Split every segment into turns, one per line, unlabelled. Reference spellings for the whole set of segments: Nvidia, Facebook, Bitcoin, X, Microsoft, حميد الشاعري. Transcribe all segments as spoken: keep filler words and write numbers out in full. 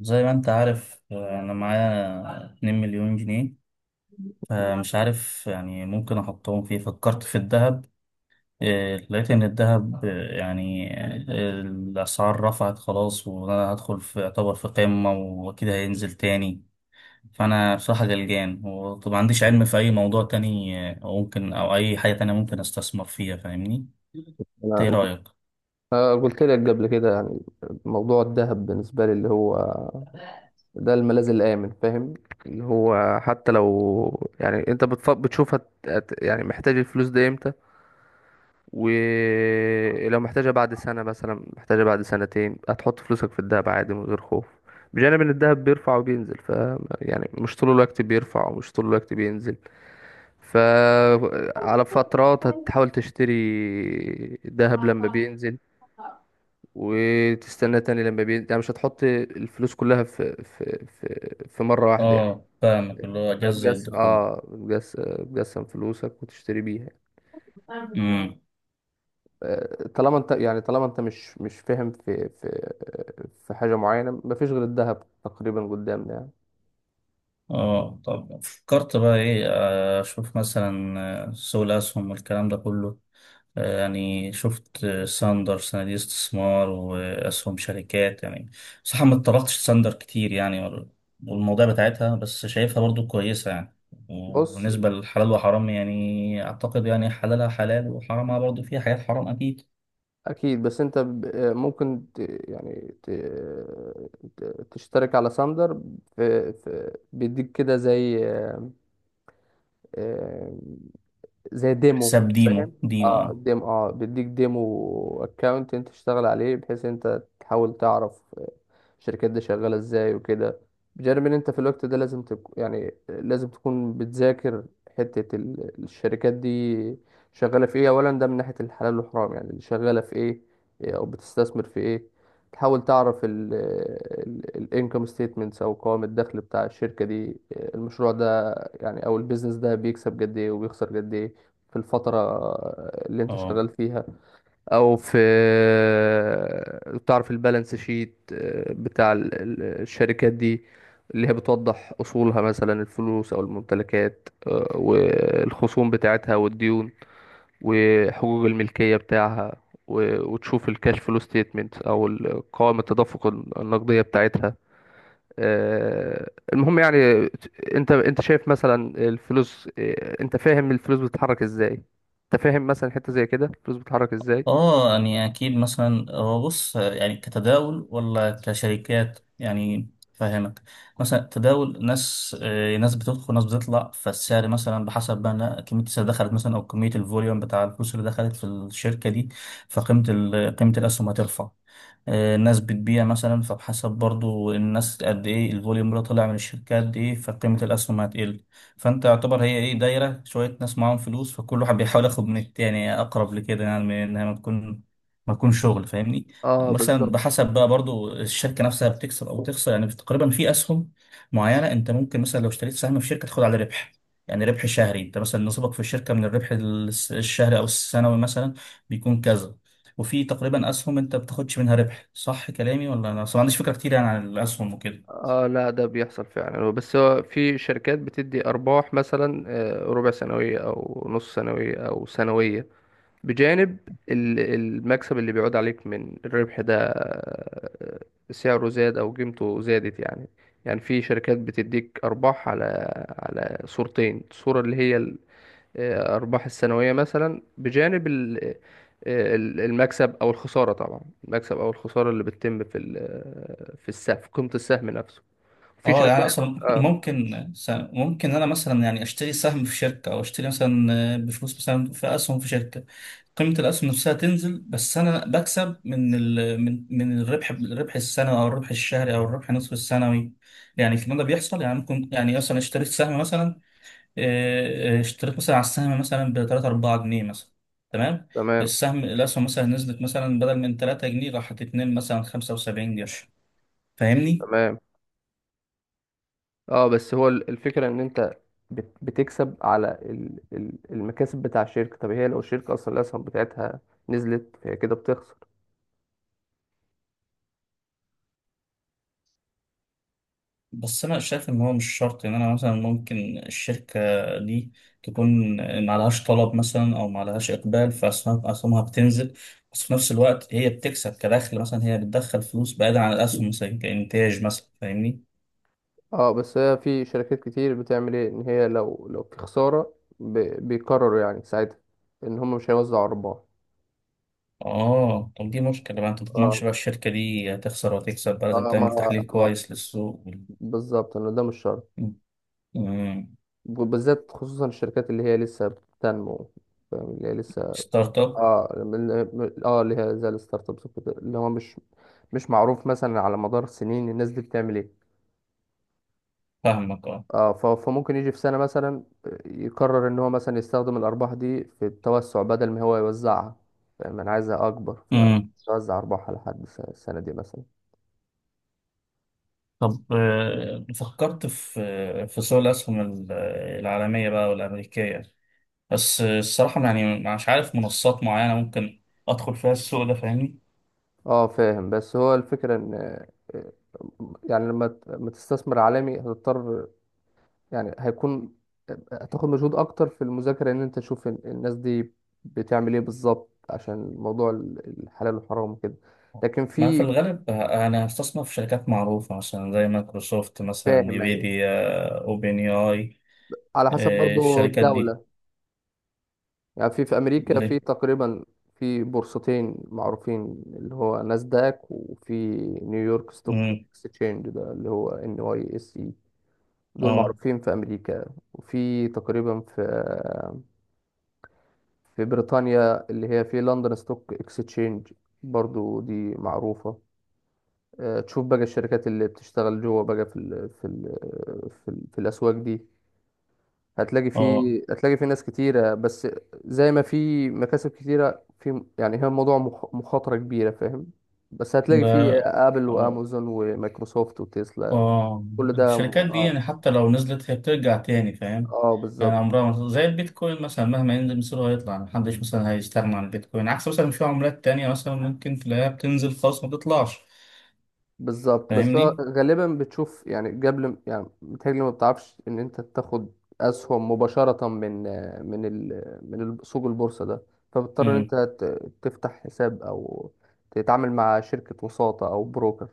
زي ما انت عارف آه، انا معايا اتنين مليون جنيه. فمش عارف يعني ممكن احطهم فيه. فكرت في الذهب. آه، لقيت ان الذهب آه، يعني آه، الاسعار رفعت خلاص وانا هدخل في اعتبر في قمة واكيد هينزل تاني. فانا بصراحة قلقان، وطب ما عنديش علم في اي موضوع تاني آه، ممكن، او اي حاجة تانية ممكن استثمر فيها، فاهمني؟ إنت ايه
انا
رأيك؟
أنا قلت لك قبل كده، يعني موضوع الذهب بالنسبه لي، اللي هو ده الملاذ الامن، فاهم؟ اللي هو حتى لو يعني انت بتف... بتشوف، هت... هت... يعني محتاج الفلوس دي امتى؟ ولو محتاجها بعد سنه، مثلا محتاجها بعد سنتين، هتحط فلوسك في الذهب عادي من غير خوف. بجانب ان الذهب بيرفع وبينزل، ف يعني مش طول الوقت بيرفع ومش طول الوقت بينزل. ف على فترات هتحاول تشتري ذهب لما بينزل، وتستنى تاني لما بي... يعني مش هتحط الفلوس كلها في في في, في مرة واحدة، يعني.
اه فاهمك، اللي هو جذر
هتجس
الدخول.
اه بتجس... بتجسم فلوسك وتشتري بيها. آه، طالما انت يعني، طالما انت مش مش فاهم في في في حاجة معينة، مفيش غير الذهب تقريبا قدامنا، يعني.
اه طب فكرت بقى ايه؟ آه، اشوف مثلا آه، سوق الاسهم والكلام ده كله. آه، يعني شفت آه، ساندر، صناديق استثمار واسهم شركات يعني. صح، ما اتطرقتش ساندر كتير يعني، وال- والمواضيع بتاعتها، بس شايفها برضو كويسة يعني.
بص.
وبالنسبة للحلال وحرام يعني، اعتقد يعني حلالها حلال وحرامها برضو فيها حاجات حرام اكيد.
اكيد، بس انت ب- آه، ممكن ت... يعني ت... ت- تشترك على ساندر. في... في... بيديك كده، زي آه، زي ديمو،
حساب ديمو
فاهم؟
ديمو اه.
اه، ديم اه بيديك ديمو اكونت، انت تشتغل عليه بحيث انت تحاول تعرف الشركات دي شغالة ازاي وكده. بجانب ان انت في الوقت ده لازم تك... يعني لازم تكون بتذاكر حتة ال- الشركات دي شغالة في ايه، اولا. ده من ناحية الحلال والحرام، يعني اللي شغالة في ايه، او بتستثمر في ايه. تحاول تعرف الانكم ستيتمنتس، او قوائم الدخل بتاع الشركة دي، المشروع ده، يعني او البيزنس ده بيكسب قد ايه وبيخسر قد ايه في الفترة اللي انت
اه
شغال فيها، او في تعرف البالانس شيت، آه، بتاع ال- ال- الشركات دي، اللي هي بتوضح اصولها، مثلا الفلوس او الممتلكات، آه، والخصوم بتاعتها والديون وحقوق الملكية بتاعها. و- وتشوف الكاش فلو ستيتمنت، او ال- قوائم التدفق النقدية بتاعتها. آه، المهم يعني، انت انت شايف مثلا الفلوس، آه، انت فاهم الفلوس بتتحرك ازاي، انت فاهم مثلا حتة زي كده الفلوس بتتحرك ازاي؟
اه، يعني اكيد مثلا، هو بص يعني كتداول ولا كشركات يعني، فاهمك؟ مثلا تداول ناس، آه، ناس بتدخل ناس بتطلع، فالسعر مثلا بحسب بقى إنها كميه السعر دخلت مثلا، او كميه الفوليوم بتاع الفلوس اللي دخلت في الشركه دي، فقيمه ال- قيمه الاسهم هترفع. آه، الناس بتبيع مثلا، فبحسب برضو الناس قد ايه الفوليوم اللي طلع من الشركه قد ايه، فقيمه الاسهم هتقل. فانت يعتبر هي ايه، دايره شويه ناس معاهم فلوس، فكل واحد بيحاول ياخد من التاني، اقرب لكده يعني، من انها ما تكون ما تكون شغل، فاهمني.
اه،
مثلا
بالظبط.
بحسب بقى برضو الشركه نفسها بتكسب او تخسر يعني. تقريبا في اسهم معينه، انت ممكن مثلا لو اشتريت سهم في شركه، تاخد على ربح. يعني ربح شهري، انت مثلا نصيبك في الشركه من الربح الس- الشهري او السنوي مثلا، بيكون كذا. وفي تقريبا اسهم انت بتاخدش منها ربح. صح كلامي ولا انا اصلا ما عنديش فكره كتير يعني عن الاسهم وكده؟
اه، لا، ده بيحصل فعلا، بس هو في شركات بتدي ارباح، مثلا آه، ربع سنوية او نص سنوية او سنوية. بجانب ال- المكسب اللي بيعود عليك من الربح ده، آه، سعره زاد او قيمته زادت، يعني. يعني في شركات بتديك ارباح على على صورتين، الصورة اللي هي الارباح السنوية مثلا، بجانب ال- آه، ال- المكسب او الخسارة. طبعا المكسب او الخسارة اللي بتتم في ال- في السهم، في قيمة السهم نفسه. في
اه، يعني
شركات.
اصلا
اه،
ممكن س- ممكن انا مثلا يعني اشتري سهم في شركه، او اشتري مثلا آه، بفلوس مثلا في اسهم في شركه. قيمه الاسهم نفسها تنزل، بس انا بكسب من ال من من الربح، الربح السنوي او الربح الشهري او الربح نصف السنوي. يعني الكلام ده بيحصل يعني. ممكن يعني مثلا اشتريت سهم مثلا، آه، آه، اشتريت مثلا على السهم مثلا ب تلات اربعة جنيه مثلا، تمام؟
تمام،
السهم الاسهم مثلا نزلت مثلا، بدل من تلاتة جنيه راحت اتنين مثلا 75 قرش، فاهمني.
تمام. اه، بس هو ال- الفكرة ان انت بت- بتكسب على ال- ال- المكاسب بتاع الشركة. طب هي لو الشركة اصلا الاسهم بتاعتها نزلت، فهي كده بتخسر.
بس انا شايف ان هو مش شرط يعني. انا مثلا ممكن الشركه دي تكون معلهاش طلب مثلا، او معلهاش اقبال، فاسهمها أسهمها بتنزل، بس في نفس الوقت هي بتكسب كدخل مثلا، هي بتدخل فلوس بعيدا عن الاسهم مثلا كانتاج مثلا، فاهمني.
اه، بس هي في شركات كتير بتعمل ايه، ان هي لو لو في خسارة ب- بيقرروا يعني ساعتها ان هم مش هيوزعوا ارباح.
اه طب دي مشكله بقى، انت ما تضمنش
اه،
بقى الشركه دي هتخسر وهتكسب بقى، لازم
اه، ما
تعمل تحليل
ما
كويس للسوق وال-
بالظبط، انه ده مش شرط.
مم.
وبالذات خصوصا الشركات اللي هي لسه بتنمو، فاهم؟ اللي هي لسه
ستارت اب.
اه، من- من- اه اللي هي زي الستارت ابس وكده، اللي هو مش مش معروف مثلا على مدار سنين الناس دي بتعمل ايه.
فاهمك
اه، ف- فممكن يجي في سنة مثلا يقرر ان هو مثلا يستخدم الارباح دي في التوسع، بدل ما هو يوزعها. فاهم؟ انا عايزها اكبر،
اه.
فوزع ارباح على حد الس- السنة دي مثلا.
طب آه، فكرت في آه، في سوق الأسهم ال- العالمية بقى والأمريكية، بس آه، الصراحة يعني مش عارف منصات معينة ممكن أدخل فيها السوق ده، فاهمني.
اه، فاهم. بس هو الفكرة ان، آه، يعني لما ت- لما تستثمر عالمي هتضطر، يعني هيكون هتاخد مجهود اكتر في المذاكره، ان انت تشوف ال- الناس دي بتعمل ايه بالظبط، عشان موضوع ال- الحلال والحرام وكده. لكن
ما في
في
الغالب أنا هستثمر في شركات معروفة مثلا، زي مايكروسوفت مثلا،
فاهم؟ يعني
نيفيديا، أوبن اي.
على حسب برضو
الشركات دي
الدوله، يعني في في امريكا
ليه؟
في تقريبا في بورصتين معروفين، اللي هو ناسداك، وفي نيويورك ستوك
مم،
اكسشينج، ده اللي هو ان واي اس اي. دول
اه
معروفين في امريكا. وفي تقريبا في في بريطانيا، اللي هي في لندن ستوك اكستشينج، برضو دي معروفة. آه، تشوف بقى الشركات اللي بتشتغل جوه بقى في ال في ال في, ال في الأسواق دي، هتلاقي
اه
في هتلاقي في ناس كتيرة. بس زي ما في مكاسب كتيرة، في يعني هي موضوع مخ- مخاطرة كبيرة، فاهم؟ بس هتلاقي في
ده
آبل، وأمازون، ومايكروسوفت، وتسلا.
اه.
كل ده م-
الشركات دي
اه,
يعني حتى لو نزلت هي بترجع تاني، فاهم.
آه
يعني
بالظبط.
عمرها ما- زي البيتكوين مثلا، مهما ينزل مصيره هيطلع، محدش مثلا هيستغنى عن البيتكوين، عكس مثلا في عملات تانية مثلا ممكن تلاقيها بتنزل خالص ما بتطلعش،
بالظبط. بس هو
فاهمني؟
غالبا بتشوف يعني قبل، يعني بتهيألي ما بتعرفش ان انت تاخد اسهم مباشرة من من ال من ال- سوق البورصة ده، فبتضطر ان انت
امم.
ت- تفتح حساب او تتعامل مع شركة وساطة او بروكر.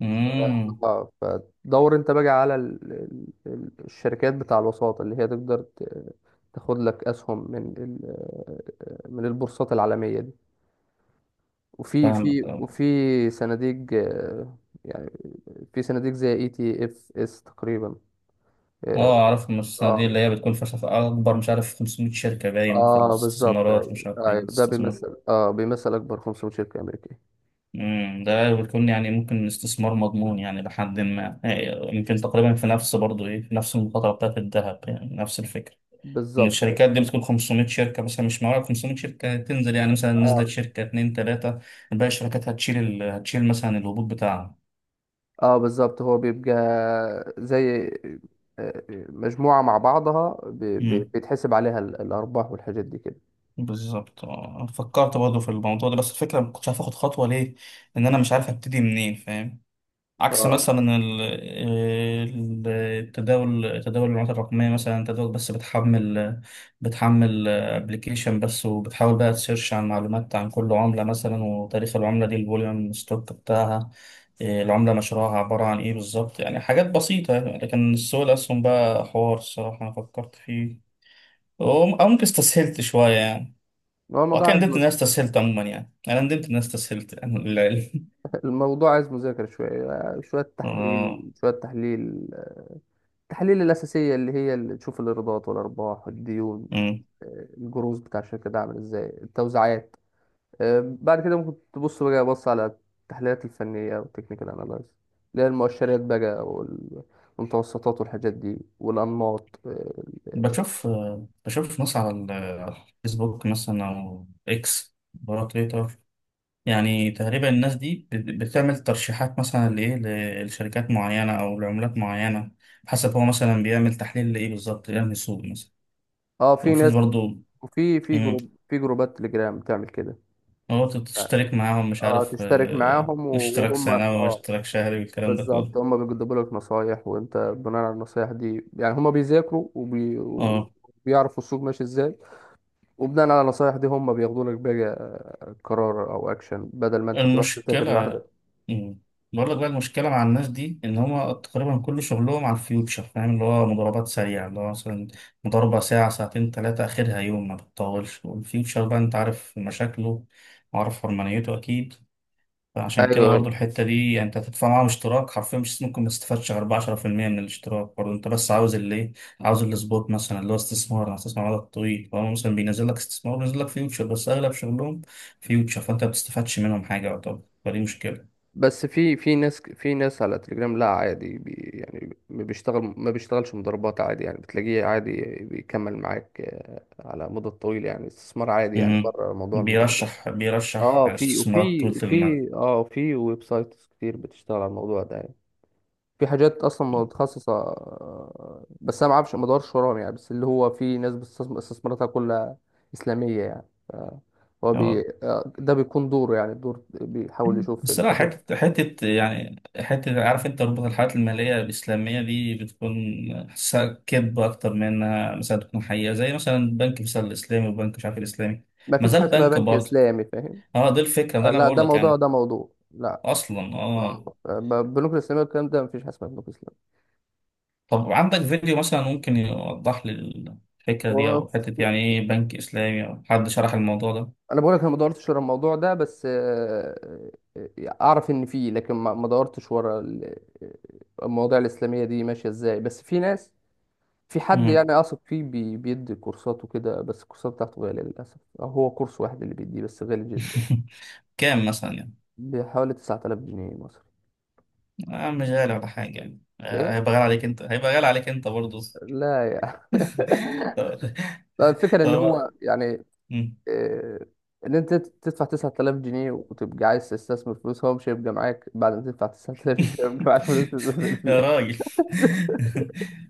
امم.
اه، فدور انت بقى على ال- ال- ال- الشركات بتاع الوساطة، اللي هي تقدر ت- تاخد لك اسهم من ال- من البورصات العالمية دي. وفي
فاهمك
في
اه.
وفي صناديق، آه، يعني في صناديق زي اي تي اف اس تقريبا. اه.
آه، اعرف المؤسسة دي،
اه،
اللي هي بتكون فشخ اكبر، مش عارف، 500 شركة، باين في
آه، بالظبط،
الاستثمارات،
ايوه،
مش عارف
أيوة.
ايه.
ده بيمثل اه بيمثل اكبر خمسمية شركة امريكية.
مم، ده بيكون يعني ممكن استثمار مضمون يعني لحد ما، آه، يمكن تقريبا في نفس برضه ايه، في نفس المخاطره بتاعت الذهب يعني، نفس الفكره. ان
بالظبط، أيوة.
الشركات دي بتكون 500 شركه مثلا، مش معقول 500 شركه تنزل يعني، مثلا نزلت
اه،
شركه اتنين تلاته، باقي الشركات هتشيل ال... هتشيل مثلا الهبوط بتاعها.
اه، بالظبط. هو بيبقى زي، آه، مجموعة مع بعضها، ب- ب-
مم،
بيتحسب عليها ال- الارباح والحاجات دي كده.
بالظبط. آه، فكرت برضه في الموضوع ده، بس الفكره ما كنتش عارف اخد خطوه ليه، ان انا مش عارف ابتدي منين، فاهم. عكس
اه،
مثلا ال- ال- التداول، تداول العملات الرقمية مثلا، انت دوك بس بتحمل، بتحمل ابلكيشن بس، وبتحاول بقى تسيرش عن معلومات عن كل عملة مثلا، وتاريخ العملة دي، الفوليوم ستوك بتاعها، إيه، العملة مشروعها عبارة عن ايه بالظبط يعني، حاجات بسيطة يعني. لكن السوق الأسهم بقى حوار، الصراحة أنا فكرت فيه وم- أو ممكن استسهلت شوية يعني.
هو الموضوع
وأكيد
عايز
ندمت إن أنا استسهلت، عموما يعني. أنا ندمت إن أنا استسهلت يعني لله.
الموضوع عايز مذاكرة، شوية آه، شوية تحليل،
آه.
شوية تحليل. التحاليل الأساسية، اللي هي اللي تشوف الإيرادات والأرباح، الديون، آه، الجروز بتاع الشركة ده عامل إزاي، التوزيعات. آه، بعد كده ممكن تبص بقى بص على التحليلات الفنية والتكنيكال أناليز، اللي هي المؤشرات بقى وال- والمتوسطات والحاجات دي والأنماط، اه.
بشوف بشوف ناس على ال- على الفيسبوك مثلا أو إكس، برا تويتر. يعني تقريبا الناس دي بت- بتعمل ترشيحات مثلا لإيه، لشركات معينة أو لعملات معينة، حسب هو مثلا بيعمل تحليل لإيه بالظبط يعني، سوق مثلا.
آه، آه، في
وفي
ناس.
برضه.
وفي في
مم،
جروب في جروبات تليجرام بتعمل كده.
هو تشترك معاهم مش
اه،
عارف،
تشترك
آه،
معاهم
اشتراك
وهم
سنوي
اه.
واشتراك شهري والكلام ده كله.
بالظبط، هما بيجدبوا لك نصايح، وانت بناء على النصايح دي، يعني هما بيذاكروا وبي...
اه.
وبيعرفوا السوق ماشي ازاي. وبناء على النصايح دي، هما بياخدوا لك بقى قرار او اكشن، بدل ما انت تروح تذاكر
المشكلة.
لوحدك.
مم. بقول لك بقى، المشكلة مع الناس دي إن هما تقريبا كل شغلهم على الفيوتشر، فاهم. اللي هو مضاربات سريعة، اللي هو مثلا مضاربة ساعة ساعتين تلاتة، آخرها يوم ما بتطولش، والفيوتشر بقى أنت عارف مشاكله، وعارف حرمانيته أكيد. عشان كده برضو
ايوه.
الحتة دي يعني، انت هتدفع معاهم اشتراك، حرفيا مش ممكن ما تستفادش غير بعشرة في المية من الاشتراك. برضو انت بس عاوز اللي ايه، عاوز السبوت مثلا، اللي هو استثمار، انا هستثمر على طويل، فهو مثلا بينزل لك استثمار، بينزل لك فيوتشر، بس اغلب شغلهم فيوتشر، فانت ما بتستفادش منهم حاجة يعتبر، فدي مشكلة.
بس في في ناس في ناس على تليجرام، لا عادي، بي... يعني ما بيشتغل ما بيشتغلش مضاربات. عادي يعني بتلاقيه عادي، بيكمل معاك، آه، على مدة طويلة، يعني استثمار عادي يعني،
امم.
بره موضوع المضاربات.
بيرشح بيرشح
اه، في
استثمارات
وفي
طويلة المدى.
وفي اه في ويب سايتس كتير بتشتغل على الموضوع ده. في حاجات اصلا متخصصه، آه، بس انا ما اعرفش، ما ادورش وراهم يعني، بس اللي هو في ناس بتستثم- استثماراتها كلها اسلاميه يعني ف- هو بي...
مم.
آه، ده بيكون دوره، يعني الدور بيحاول يشوف
الصراحة
الحاجات.
حتة حتة يعني، حتة عارف أنت، ربط الحالات المالية الإسلامية دي بتكون حاسسها كذب أكتر من إنها مثلا تكون حقيقة، زي مثلا بنك مثلا الإسلامي، وبنك مش عارف الإسلامي،
ما
ما
فيش
زال
حاجه اسمها
بنك
بنك
برضه.
اسلامي، فاهم؟
أه دي الفكرة، ده
آه،
أنا
لا،
بقول
ده
لك
موضوع
يعني
ده موضوع لا.
أصلا أه.
آه، آه، ب- بنوك الاسلاميه والكلام ده، ما فيش حاجه اسمها بنوك اسلاميه.
طب عندك فيديو مثلا ممكن يوضح لي الفكرة دي،
هو
أو حتة
في-
يعني إيه بنك إسلامي، أو حد شرح الموضوع ده؟
انا بقول لك، انا ما دورتش ورا الموضوع ده، بس آه، آه، اعرف ان فيه، لكن ما ما دورتش ورا ال- آه، المواضيع الاسلاميه دي ماشيه ازاي، بس في ناس، في حد
مم.
يعني اثق فيه، بي- بيدي كورسات وكده، بس الكورسات بتاعته غالية للأسف. هو كورس واحد اللي بيديه، بس غالي جدا،
كام مثلا يعني؟
بحوالي تسعة آلاف جنيه مصري.
آه مش غالي ولا حاجة يعني، آه
ايه،
هيبقى غالي عليك أنت، هيبقى غالي عليك أنت برضه.
لا يعني لا، الفكرة
يا
ان
را-
هو، يعني
مم.
إيه، ان انت تدفع تسعة آلاف جنيه وتبقى عايز تستثمر فلوس. هو مش هيبقى معاك، بعد ما تدفع تسعة آلاف جنيه هيبقى معاك فلوس تستثمر
يا
فيها؟
راجل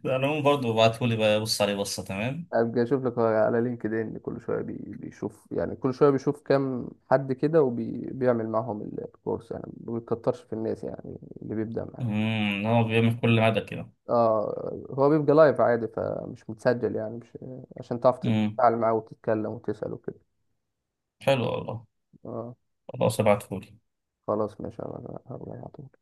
العموم برضه ابعتهولي بقى، بص عليه بصة، تمام.
ابقى اشوف لك على لينكد ان. كل شويه بي- بيشوف يعني كل شويه بيشوف كام حد كده، وبيعمل معاهم ال- الكورس. يعني ما بيكترش في الناس، يعني اللي بيبدا معاه.
مم. هو بيعمل كل مدى كده؟
اه، هو بيبقى لايف عادي، فمش متسجل، يعني مش، عشان تعرف
مم.
تتفاعل معاه وتتكلم وتسال وكده.
حلو والله.
اه،
خلاص ابعتهولي.
خلاص، ماشي، هبقى هبقى أبعته.